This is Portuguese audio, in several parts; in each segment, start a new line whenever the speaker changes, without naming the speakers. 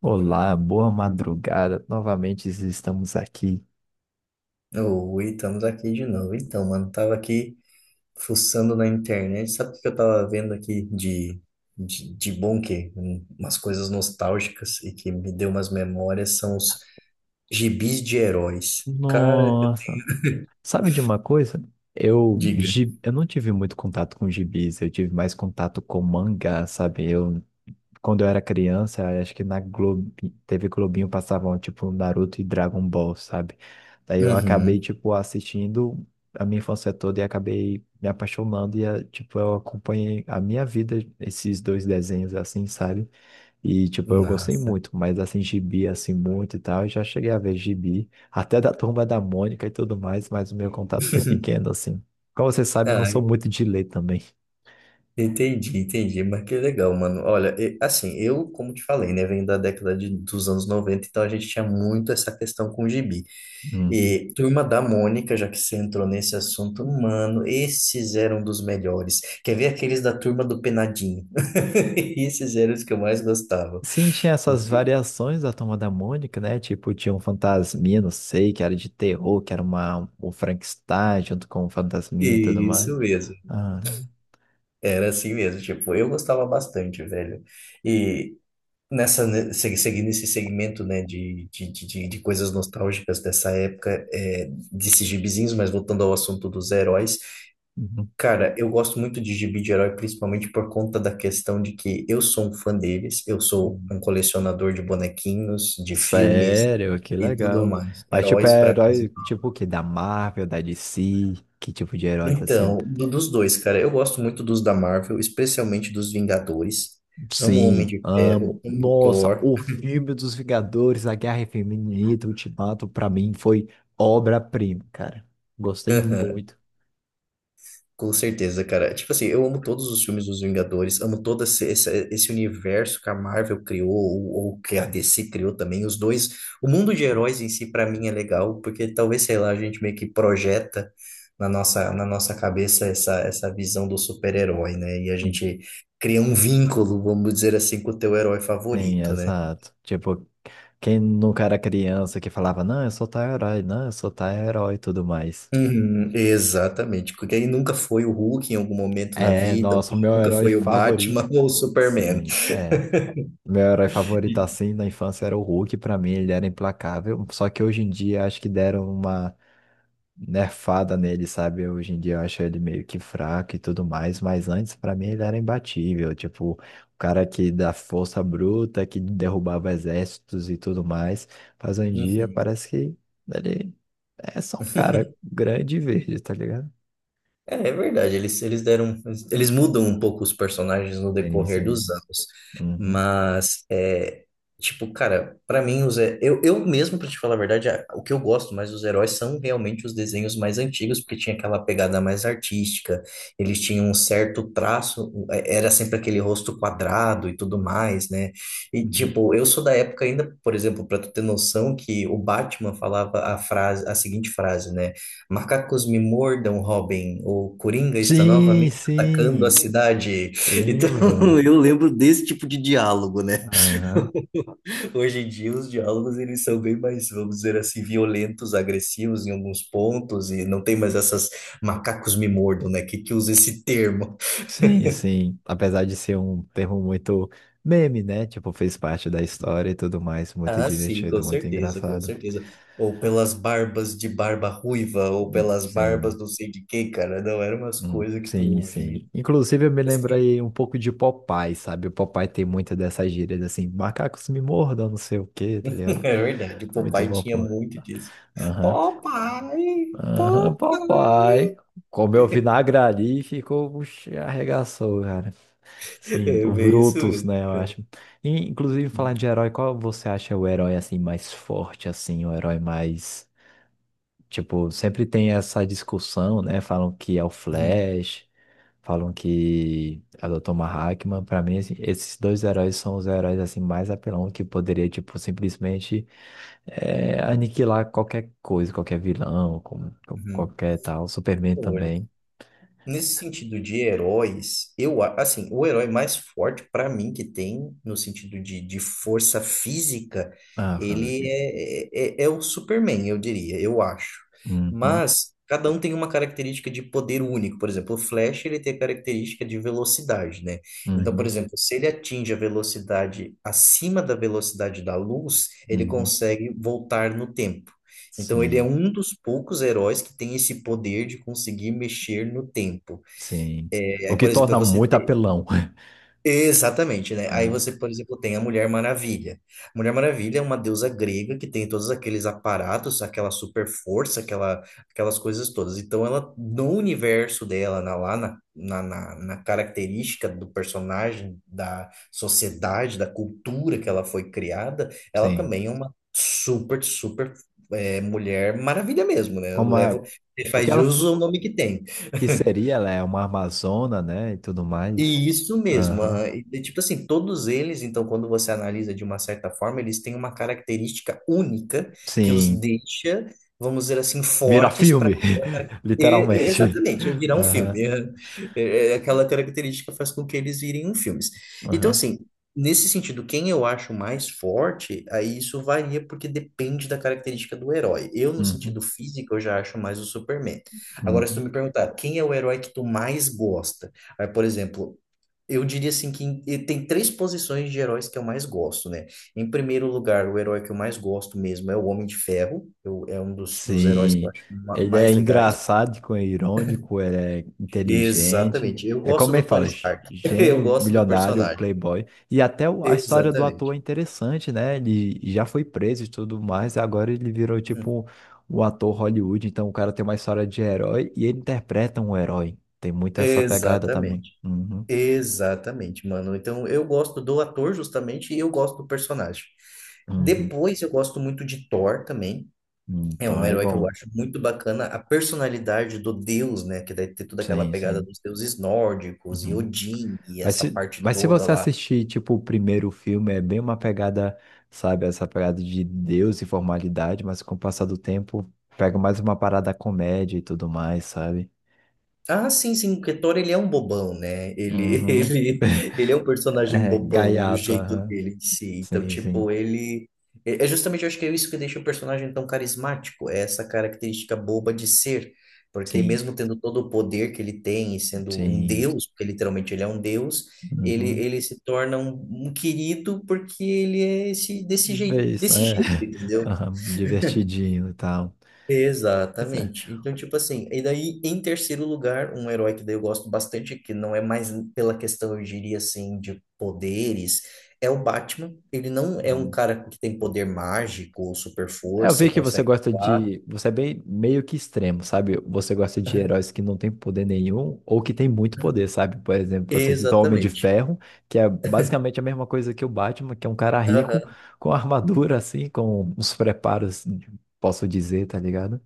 Olá, boa madrugada. Novamente estamos aqui.
Oi, estamos aqui de novo. Então, mano, tava aqui fuçando na internet. Sabe o que eu tava vendo aqui de bom que? Umas coisas nostálgicas e que me deu umas memórias são os gibis de heróis. Cara,
Nossa, sabe de uma coisa? Eu,
diga.
gi- eu não tive muito contato com gibis, eu tive mais contato com mangá, sabe? Eu, quando eu era criança, acho que na Globo, teve Globinho passavam tipo Naruto e Dragon Ball, sabe? Daí eu acabei
Uhum,
tipo assistindo a minha infância toda e acabei me apaixonando e tipo eu acompanhei a minha vida esses dois desenhos assim, sabe? E, tipo, eu gostei
massa.
muito, mas, assim, gibi, assim, muito e tal, eu já cheguei a ver gibi, até da Turma da Mônica e tudo mais, mas o meu contato foi pequeno, assim. Como você sabe, eu não
Ah,
sou muito de ler também.
Entendi, entendi, mas que legal, mano. Olha, assim, eu, como te falei, né, venho da dos anos 90, então a gente tinha muito essa questão com o gibi.
Uhum.
Turma da Mônica, já que você entrou nesse assunto, mano, esses eram dos melhores. Quer ver aqueles da Turma do Penadinho? Esses eram os que eu mais gostava.
Sim, tinha essas variações da Turma da Mônica, né? Tipo, tinha um fantasminha, não sei, que era de terror, que era uma, o Frankenstein junto com o fantasminha e tudo mais.
Isso mesmo.
Ah, né?
Era assim mesmo, tipo, eu gostava bastante, velho. E Nessa, né, seguir nesse segmento, né, de coisas nostálgicas dessa época, desses gibizinhos, mas voltando ao assunto dos heróis,
Uhum.
cara, eu gosto muito de gibi de herói, principalmente por conta da questão de que eu sou um fã deles, eu sou
Uhum.
um colecionador de bonequinhos, de filmes
Sério, que
e tudo
legal.
mais.
Mas, tipo,
Heróis
é
para mim.
herói, tipo, o quê? Da Marvel, da DC? Que tipo de heróis, assim?
Então, dos dois, cara, eu gosto muito dos da Marvel, especialmente dos Vingadores. Amo o Homem
Sim,
de
amo.
Ferro, amo o
Nossa,
Thor.
o filme dos Vingadores, A Guerra Infinita, Ultimato, pra mim foi obra-prima, cara. Gostei muito.
Com certeza, cara. Tipo assim, eu amo todos os filmes dos Vingadores, amo todo esse, esse universo que a Marvel criou, ou que a DC criou também. Os dois, o mundo de heróis em si, pra mim, é legal, porque talvez, sei lá, a gente meio que projeta na nossa cabeça essa, essa visão do super-herói, né? E a gente cria um vínculo, vamos dizer assim, com o teu herói
Sim,
favorito, né?
exato. Tipo, quem nunca era criança que falava, não, eu sou tal herói, não, eu sou tal herói e tudo mais.
Uhum, exatamente, porque aí nunca foi o Hulk em algum momento na
É,
vida,
nossa, o meu
nunca
herói
foi o
favorito.
Batman ou o Superman.
Sim, é. Meu herói favorito assim na infância era o Hulk, pra mim ele era implacável. Só que hoje em dia acho que deram uma nerfada nele, sabe? Hoje em dia eu acho ele meio que fraco e tudo mais, mas antes pra mim ele era imbatível, tipo, o cara que da força bruta, que derrubava exércitos e tudo mais, mas hoje em dia
Uhum.
parece que ele é só um cara grande e verde, tá ligado?
É, é verdade, eles deram, eles mudam um pouco os personagens no
Sim,
decorrer
sim.
dos anos,
Uhum.
mas é, tipo, cara, pra mim os eu mesmo pra te falar a verdade, o que eu gosto mais dos heróis são realmente os desenhos mais antigos, porque tinha aquela pegada mais artística, eles tinham um certo traço, é, era sempre aquele rosto quadrado e tudo mais, né? E
Uhum.
tipo, eu sou da época ainda, por exemplo, pra tu ter noção que o Batman falava a frase, a seguinte frase, né? Macacos me mordam, Robin. O Coringa está
Sim,
novamente atacando a
sim,
cidade. Então,
lembro.
eu lembro desse tipo de diálogo, né?
Aham.
Hoje em dia, os diálogos eles são bem mais, vamos dizer assim, violentos, agressivos em alguns pontos e não tem mais essas macacos me mordam, né? Que usa esse termo?
Sim, sim. Apesar de ser um termo muito meme, né? Tipo, fez parte da história e tudo mais. Muito
Ah, sim, com
divertido, muito
certeza, com
engraçado.
certeza. Ou pelas barbas de barba ruiva, ou pelas barbas
Sim,
não sei de quem, cara. Não, eram umas coisas que tu
sim,
ouvia.
sim. Inclusive, eu me lembrei um pouco de Popeye, sabe? O Popeye tem muita dessas gírias assim: macacos me mordam, não sei o quê, tá ligado?
É verdade, o
Muito
papai
bom,
tinha
pô.
muito disso.
Aham.
Papai,
Aham,
papai.
papai. Comeu vinagre ali e ficou, puxa, arregaçou, cara. Sim,
É
o
bem isso
Brutus,
mesmo.
né, eu acho. E, inclusive, falar de herói, qual você acha o herói, assim, mais forte, assim, o herói mais... Tipo, sempre tem essa discussão, né, falam que é o
Uhum,
Flash, falam que é o Dr. Manhattan. Pra mim, assim, esses dois heróis são os heróis, assim, mais apelão que poderia, tipo, simplesmente é, aniquilar qualquer coisa, qualquer vilão,
uhum.
qualquer tal. Superman
Olha.
também.
Nesse sentido de heróis, eu, assim, o herói mais forte para mim que tem, no sentido de força física,
Ah, foda
ele
vida.
é, é, é é o Superman, eu diria, eu acho.
Uhum,
Mas cada um tem uma característica de poder único. Por exemplo, o Flash, ele tem a característica de velocidade, né? Então, por
uhum,
exemplo, se ele atinge a velocidade acima da velocidade da luz, ele
uhum.
consegue voltar no tempo. Então ele é
Sim,
um dos poucos heróis que tem esse poder de conseguir mexer no tempo.
sim.
É,
O que
por exemplo, para
torna
você
muito
ter
apelão.
exatamente, né? Aí
Aham.
você, por exemplo, tem a Mulher Maravilha. A Mulher Maravilha é uma deusa grega que tem todos aqueles aparatos, aquela super força, aquela, aquelas coisas todas. Então, ela, no universo dela, na, lá na, na, na, na característica do personagem, da sociedade, da cultura que ela foi criada, ela
Sim.
também é uma super Mulher Maravilha mesmo, né? Eu
Como é,
levo,
o que
faz de
ela
uso o nome que tem.
que seria, ela é uma amazona, né, e tudo mais.
Isso mesmo.
Aham.
Aham. E, tipo assim, todos eles, então, quando você analisa de uma certa forma, eles têm uma característica única que os
Sim.
deixa, vamos dizer assim,
Vira
fortes para.
filme, literalmente.
Exatamente, virar um
Aham,
filme. Aham. Aquela característica faz com que eles virem um filmes. Então,
aham,
assim, nesse sentido, quem eu acho mais forte, aí isso varia porque depende da característica do herói. Eu, no sentido
uhum,
físico, eu já acho mais o Superman. Agora, se tu
uhum.
me perguntar, quem é o herói que tu mais gosta? Aí, por exemplo, eu diria assim que tem três posições de heróis que eu mais gosto, né? Em primeiro lugar, o herói que eu mais gosto mesmo é o Homem de Ferro. Eu, é um dos heróis que eu
Sim,
acho
ele é
mais legais.
engraçado, é irônico, ele é inteligente.
Exatamente. Eu
É
gosto
como ele
do Tony
fala,
Stark. Eu
gênio,
gosto do
milionário,
personagem.
playboy. E até a história do ator
Exatamente.
é interessante, né? Ele já foi preso e tudo mais, e agora ele virou tipo o ator Hollywood. Então o cara tem uma história de herói e ele interpreta um herói. Tem muito essa pegada também.
Exatamente,
Uhum,
exatamente, mano. Então eu gosto do ator justamente e eu gosto do personagem.
uhum.
Depois eu gosto muito de Thor também.
Uhum.
É
Então
um
é
herói que eu
bom.
acho muito bacana a personalidade do deus, né? Que daí tem toda aquela
Sim,
pegada
sim.
dos deuses nórdicos e
Uhum.
Odin e
Mas
essa
se,
parte
mas se
toda
você
lá.
assistir, tipo, o primeiro filme, é bem uma pegada, sabe, essa pegada de Deus e formalidade, mas com o passar do tempo, pega mais uma parada comédia e tudo mais, sabe?
Ah, sim, sim, o Thor ele é um bobão, né? Ele,
Uhum.
ele é um personagem
É,
bobão no
gaiato,
jeito
aham.
dele de si. Então,
Sim,
tipo,
sim.
ele. É justamente, eu acho que é isso que deixa o personagem tão carismático, é essa característica boba de ser. Porque
Sim,
mesmo tendo todo o poder que ele tem e sendo um
sim.
deus, porque literalmente ele é um deus, ele,
Uhum.
ele se torna um querido porque ele é esse,
Bem isso,
desse
é.
jeito, entendeu?
Aham, divertidinho e tal. Pois é.
Exatamente. Então, tipo assim, e daí, em terceiro lugar, um herói que daí eu gosto bastante, que não é mais pela questão, eu diria assim, de poderes, é o Batman. Ele não é um
Uhum.
cara que tem poder mágico ou super
É, eu
força
vi
ou
que você
consegue
gosta
voar.
de. Você é bem meio que extremo, sabe? Você gosta de heróis que não têm poder nenhum ou que têm muito poder, sabe? Por exemplo, você citou o Homem de
Exatamente.
Ferro, que é basicamente a mesma coisa que o Batman, que é um cara rico
Aham.
com armadura, assim, com os preparos, posso dizer, tá ligado?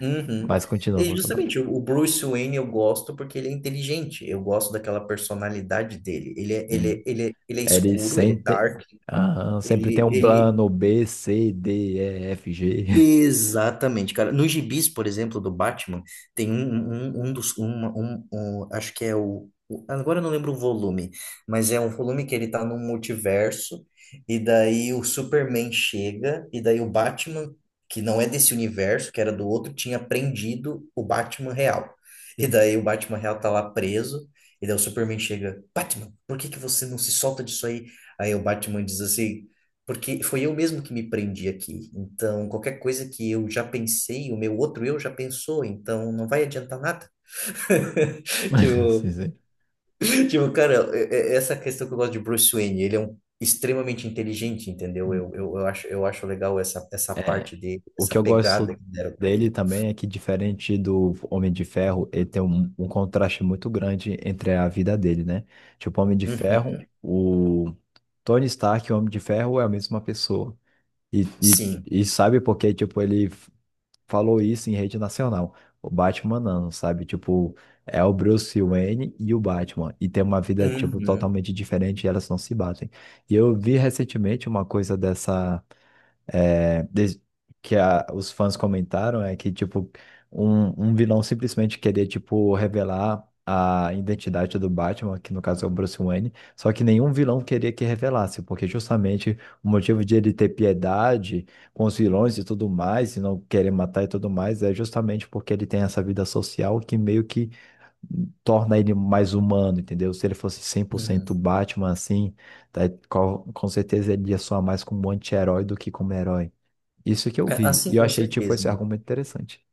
Uhum.
Mas continua
E
com o
justamente, o Bruce Wayne eu gosto porque ele é inteligente. Eu gosto daquela personalidade dele. Ele é, ele
Sim.
é, ele é, ele é
Ele
escuro, ele é
sempre,
dark.
aham, sempre tem
Ele,
um
ele,
plano B, C, D, E, F, G.
Exatamente, cara. Nos gibis, por exemplo, do Batman, tem um acho que é agora eu não lembro o volume, mas é um volume que ele tá num multiverso, e daí o Superman chega, e daí o Batman, que não é desse universo, que era do outro, tinha prendido o Batman real. E daí o Batman real tá lá preso, e daí o Superman chega: Batman, por que que você não se solta disso aí? Aí o Batman diz assim. Porque foi eu mesmo que me prendi aqui. Então, qualquer coisa que eu já pensei, o meu outro eu já pensou, então não vai adiantar nada.
Sim,
Tipo,
sim.
tipo, cara, essa questão que eu gosto de Bruce Wayne, ele é um extremamente inteligente, entendeu? Eu acho legal essa, essa
É.
parte dele,
O que
essa
eu
pegada
gosto
que deram pra
dele
ele.
também é que, diferente do Homem de Ferro, ele tem um contraste muito grande entre a vida dele, né? Tipo, Homem de
Uhum.
Ferro, o Tony Stark e o Homem de Ferro é a mesma pessoa. E, e,
Sim.
e sabe porque, tipo, falou isso em rede nacional. O Batman não, sabe? Tipo, é o Bruce Wayne e o Batman. E tem uma vida, tipo,
Uhum.
totalmente diferente e elas não se batem. E eu vi recentemente uma coisa dessa des- que os fãs comentaram é que, tipo, um vilão simplesmente queria, tipo, revelar a identidade do Batman, que no caso é o Bruce Wayne, só que nenhum vilão queria que revelasse, porque justamente o motivo de ele ter piedade com os vilões e tudo mais, e não querer matar e tudo mais, é justamente porque ele tem essa vida social que meio que torna ele mais humano, entendeu? Se ele fosse 100%
Uhum.
Batman, assim, tá, com certeza ele ia soar mais como um anti-herói do que como herói. Isso que eu
É,
vi.
assim,
E eu
com
achei, tipo,
certeza,
esse
né?
argumento interessante.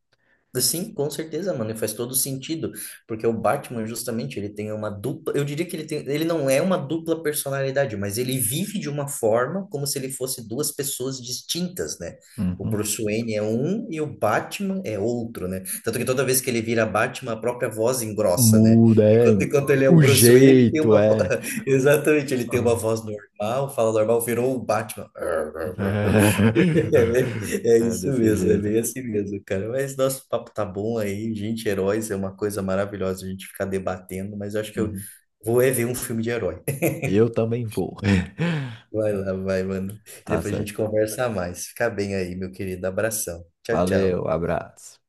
Sim, com certeza, mano, e faz todo sentido, porque o Batman justamente, ele tem uma dupla, eu diria que ele tem, ele não é uma dupla personalidade, mas ele vive de uma forma como se ele fosse duas pessoas distintas, né? O
Uhum.
Bruce Wayne é um e o Batman é outro, né? Tanto que toda vez que ele vira Batman, a própria voz engrossa, né?
Muda,
Enquanto,
é.
enquanto ele é o
O
Bruce Wayne, ele tem
jeito
uma voz,
é.
exatamente, ele tem uma
Ah.
voz normal, fala normal, virou o Batman.
Uhum.
É, é
É, é
isso
desse
mesmo, é
jeito.
bem assim mesmo, cara. Mas nosso papo tá bom aí, gente, heróis é uma coisa maravilhosa a gente ficar debatendo, mas eu acho que eu
Uhum.
vou é ver um filme de herói.
Eu também vou.
Vai lá, vai, mano.
Tá
Depois a gente
certo.
conversa mais. Fica bem aí, meu querido. Abração. Tchau, tchau.
Valeu, abraço.